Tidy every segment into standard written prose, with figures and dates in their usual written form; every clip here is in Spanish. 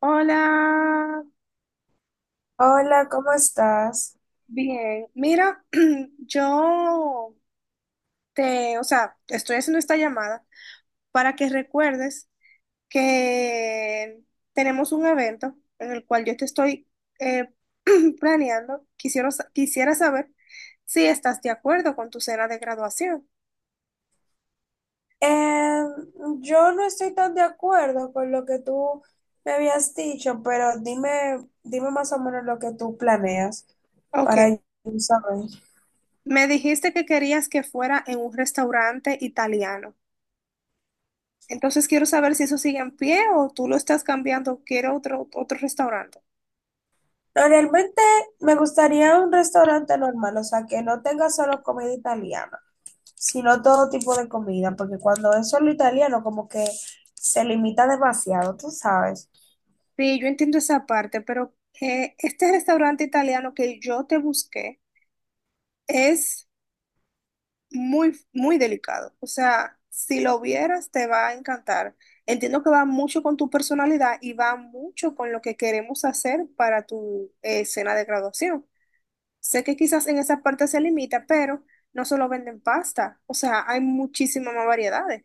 Hola, Hola, ¿cómo estás? bien. Mira, yo o sea, te estoy haciendo esta llamada para que recuerdes que tenemos un evento en el cual yo te estoy eh, planeando. Quisiera, quisiera saber si estás de acuerdo con tu cena de graduación. Em, yo no estoy tan de acuerdo con lo que tú me habías dicho, pero dime más o menos lo que tú planeas Ok, para yo saber. me dijiste que querías que fuera en un restaurante italiano. Entonces quiero saber si eso sigue en pie o tú lo estás cambiando, quiero otro restaurante. No, realmente me gustaría un restaurante normal, o sea, que no tenga solo comida italiana, sino todo tipo de comida, porque cuando es solo italiano, como que se limita demasiado, tú sabes. Sí, yo entiendo esa parte, pero este restaurante italiano que yo te busqué es muy, muy delicado. O sea, si lo vieras, te va a encantar. Entiendo que va mucho con tu personalidad y va mucho con lo que queremos hacer para tu cena de graduación. Sé que quizás en esa parte se limita, pero no solo venden pasta. O sea, hay muchísimas más variedades.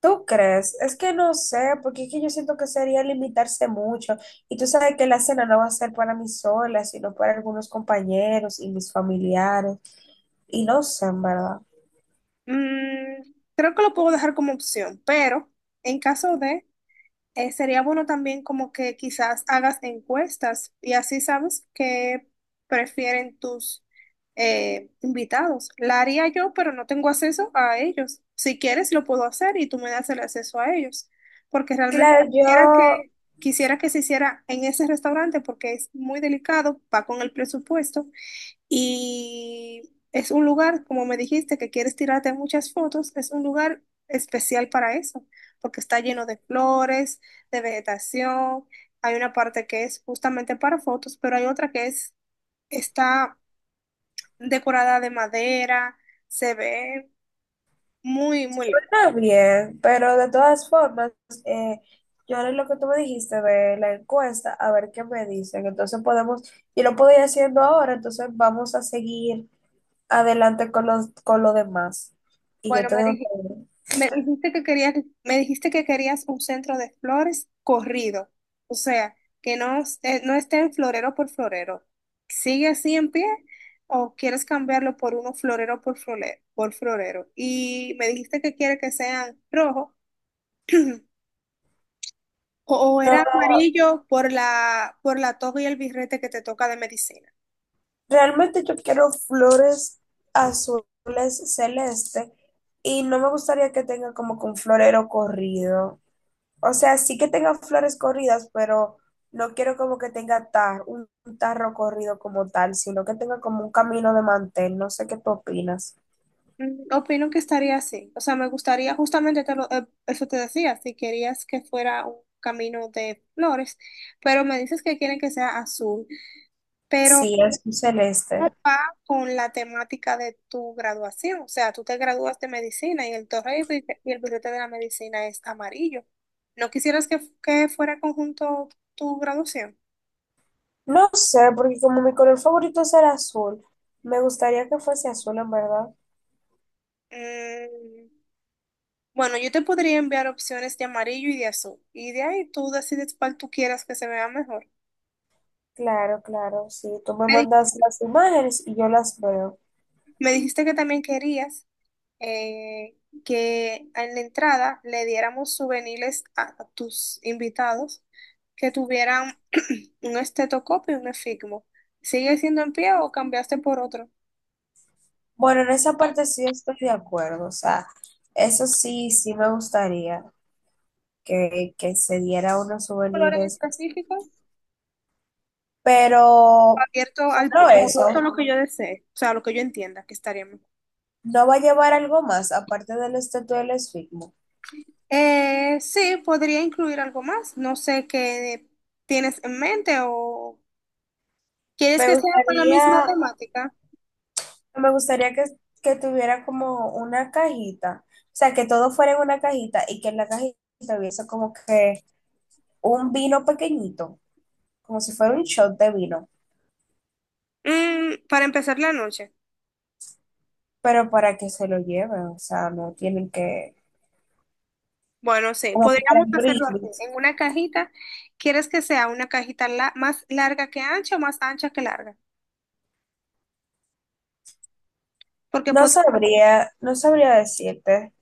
¿Tú crees? Es que no sé, porque es que yo siento que sería limitarse mucho. Y tú sabes que la cena no va a ser para mí sola, sino para algunos compañeros y mis familiares. Y no sé, en verdad. Mm, creo que lo puedo dejar como opción, pero en caso de... sería bueno también como que quizás hagas encuestas y así sabes qué prefieren tus invitados. La haría yo, pero no tengo acceso a ellos. Si quieres, lo puedo hacer y tú me das el acceso a ellos, porque realmente Claro, yo quisiera que, quisiera que se hiciera en ese restaurante porque es muy delicado, va con el presupuesto y es un lugar, como me dijiste, que quieres tirarte muchas fotos, es un lugar especial para eso, porque está lleno de flores, de vegetación. Hay una parte que es justamente para fotos, pero hay otra que es, está decorada de madera, se ve muy, muy lindo. también, pero de todas formas, eh, yo haré lo que tú me dijiste de la encuesta, a ver qué me dicen. Entonces podemos, yo lo puedo ir haciendo ahora, entonces vamos a seguir adelante con los, con lo demás. Y yo Bueno, te dejo saber. Me dijiste que querías, me dijiste que querías un centro de flores corrido, o sea, que no, no esté en florero por florero. ¿Sigue así en pie o quieres cambiarlo por uno florero por florero, por florero? Y me dijiste que quiere que sean rojo o No, era amarillo por la toga y el birrete que te toca de medicina. realmente yo quiero flores azules celeste y no me gustaría que tenga como que un florero corrido. O sea, sí que tenga flores corridas, pero no quiero como que tenga un tarro corrido como tal, sino que tenga como un camino de mantel. No sé qué tú opinas. Mm, opino que estaría así. O sea, me gustaría, justamente eso te decía, si querías que fuera un camino de flores, pero me dices que quieren que sea azul. Sí, es un Va celeste. con la temática de tu graduación. O sea, tú te gradúas de medicina y el torre y y el billete de la medicina es amarillo. ¿No quisieras que fuera conjunto tu graduación? No sé, porque como mi color favorito es el azul, me gustaría que fuese azul, en verdad. Mm, bueno, yo te podría enviar opciones de amarillo y de azul. Y de ahí tú decides cuál tú quieras que se vea mejor. Claro, claro, sí. Tú me Me, di- mandas las imágenes y yo las veo. me dijiste que también querías eh, que en la entrada le diéramos souvenirs a tus invitados que tuvieran un estetoscopio y un efigmo. ¿Sigue siendo en pie o cambiaste por otro? Bueno, en esa parte sí estoy de acuerdo, o sea, eso sí, sí me ¿Un gustaría que se diera unos color en souvenirs, específico? pero Abierto al pu- solo o eso, abierto a lo que yo desee, o sea, a lo que yo entienda que estaría bien. no va a llevar algo más aparte del estatua del esfigmo. Sí, podría incluir algo más. No sé qué tienes en mente o quieres Me que sea con la misma gustaría, temática. me gustaría que tuviera como una cajita, o sea, que todo fuera en una cajita y que en la cajita hubiese como que un vino pequeñito, como si fuera un shot de vino, Mm, para empezar la noche. pero para que se lo lleven, o sea, no tienen que, Bueno, sí, como para podríamos hacerlo así, brindis. en una cajita. ¿Quieres que sea una cajita más larga que ancha o más ancha que larga? Porque No pod- sabría, no sabría decirte.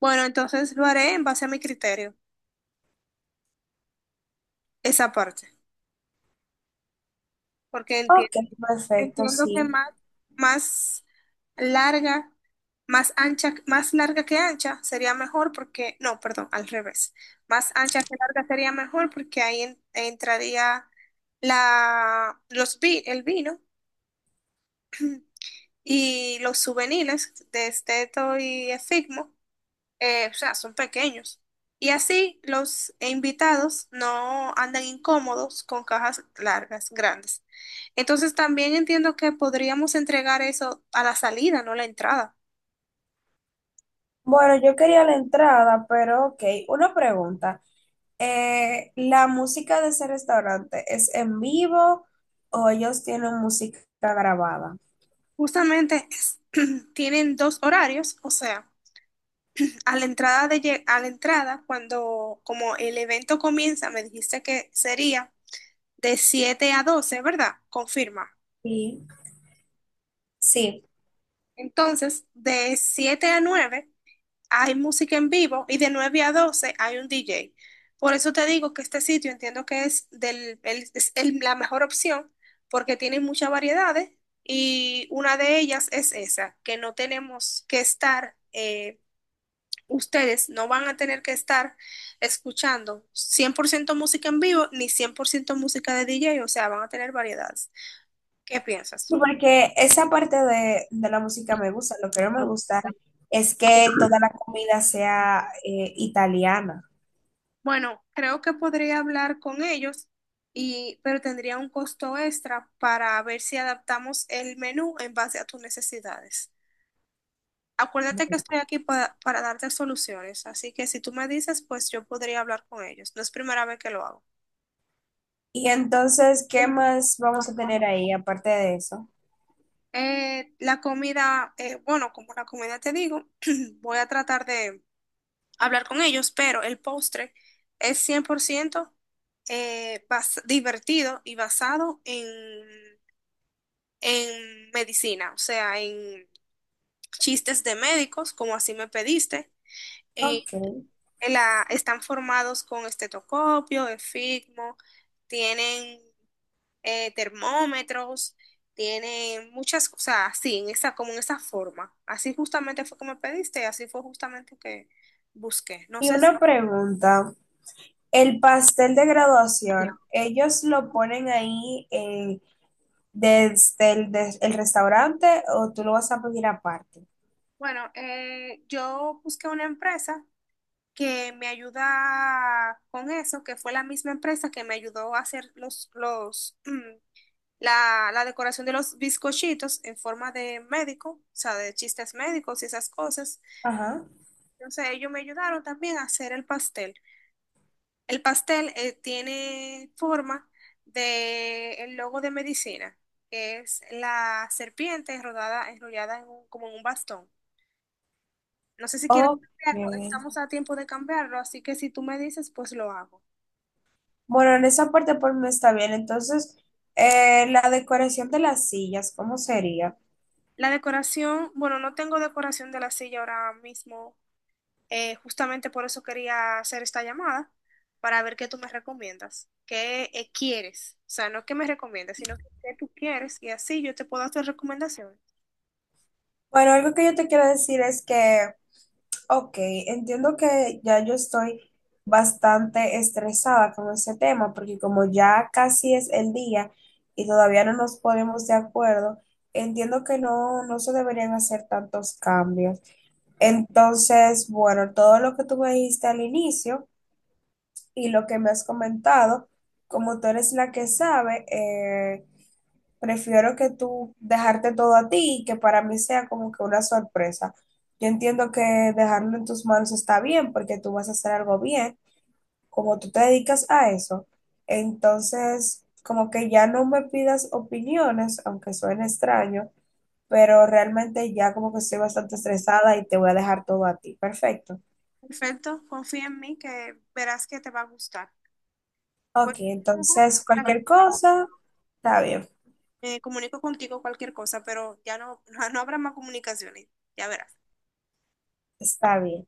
bueno, entonces lo haré en base a mi criterio, esa parte, porque Ok, entiendo, perfecto, entiendo que sí. más, más larga, más ancha, más larga que ancha sería mejor porque, no, perdón, al revés. Más ancha que larga sería mejor porque ahí entraría el vino. Y los souvenirs de Esteto y Efigmo, o sea, son pequeños. Y así los invitados no andan incómodos con cajas largas, grandes. Entonces también entiendo que podríamos entregar eso a la salida, no a la entrada. Bueno, yo quería la entrada, pero ok, una pregunta. ¿La música de ese restaurante es en vivo o ellos tienen música grabada? Justamente tienen dos horarios, o sea, a la entrada a la entrada, cuando como el evento comienza, me dijiste que sería de 7 a 12, ¿verdad? Confirma. Sí. Sí. Entonces, de 7 a 9 hay música en vivo y de 9 a 12 hay un DJ. Por eso te digo que este sitio entiendo que es la mejor opción porque tiene muchas variedades y una de ellas es esa, que no tenemos que estar, ustedes no van a tener que estar escuchando 100% música en vivo ni 100% música de DJ, o sea, van a tener variedades. ¿Qué Sí, piensas? porque esa parte de la música me gusta. Lo que no me gusta es que toda la comida sea italiana. Bueno, creo que podría hablar con ellos y, pero tendría un costo extra para ver si adaptamos el menú en base a tus necesidades. Acuérdate que estoy aquí para darte soluciones, así que si tú me dices, pues yo podría hablar con ellos. No es primera vez que lo hago. Y entonces, ¿qué más vamos a tener ahí aparte de eso? La comida, bueno, como la comida te digo, voy a tratar de hablar con ellos, pero el postre es 100% divertido y basado en medicina, o sea, en chistes de médicos, como así me pediste. Eh, Ok. Están formados con estetoscopio, efigmo, tienen termómetros, tienen muchas cosas así, en esa, como en esa forma. Así justamente fue que me pediste y así fue justamente que busqué. No Y sé una pregunta. El pastel de graduación, ¿ellos lo ponen ahí desde el, el restaurante o tú lo vas a pedir aparte? bueno, yo busqué una empresa que me ayuda con eso, que fue la misma empresa que me ayudó a hacer la decoración de los bizcochitos en forma de médico, o sea, de chistes médicos y esas cosas. Ajá. Entonces ellos me ayudaron también a hacer el pastel. El pastel tiene forma de el logo de medicina, que es la serpiente rodada, enrollada como en un bastón. No sé si quieres Ok. cambiarlo, estamos a tiempo de cambiarlo, así que si tú me dices, pues lo hago. Bueno, en esa parte por mí está bien. Entonces, la decoración de las sillas, ¿cómo sería? La decoración, bueno, no tengo decoración de la silla ahora mismo, justamente por eso quería hacer esta llamada, para ver qué tú me recomiendas, qué quieres, o sea, no qué me recomiendas, sino qué tú quieres y así yo te puedo hacer recomendaciones. Bueno, algo que yo te quiero decir es que, ok, entiendo que ya yo estoy bastante estresada con ese tema, porque como ya casi es el día y todavía no nos ponemos de acuerdo, entiendo que no, no se deberían hacer tantos cambios. Entonces, bueno, todo lo que tú me dijiste al inicio y lo que me has comentado, como tú eres la que sabe, prefiero que tú dejarte todo a ti y que para mí sea como que una sorpresa. Yo entiendo que dejarlo en tus manos está bien porque tú vas a hacer algo bien, como tú te dedicas a eso. Entonces, como que ya no me pidas opiniones, aunque suene extraño, pero realmente ya como que estoy bastante estresada y te voy a dejar todo a ti. Perfecto. Perfecto, confía en mí que verás que te va a gustar. Pues, Ok, ujú, entonces cualquier cosa, está bien, me comunico contigo cualquier cosa, pero ya no, no habrá más comunicaciones, ya verás. está bien.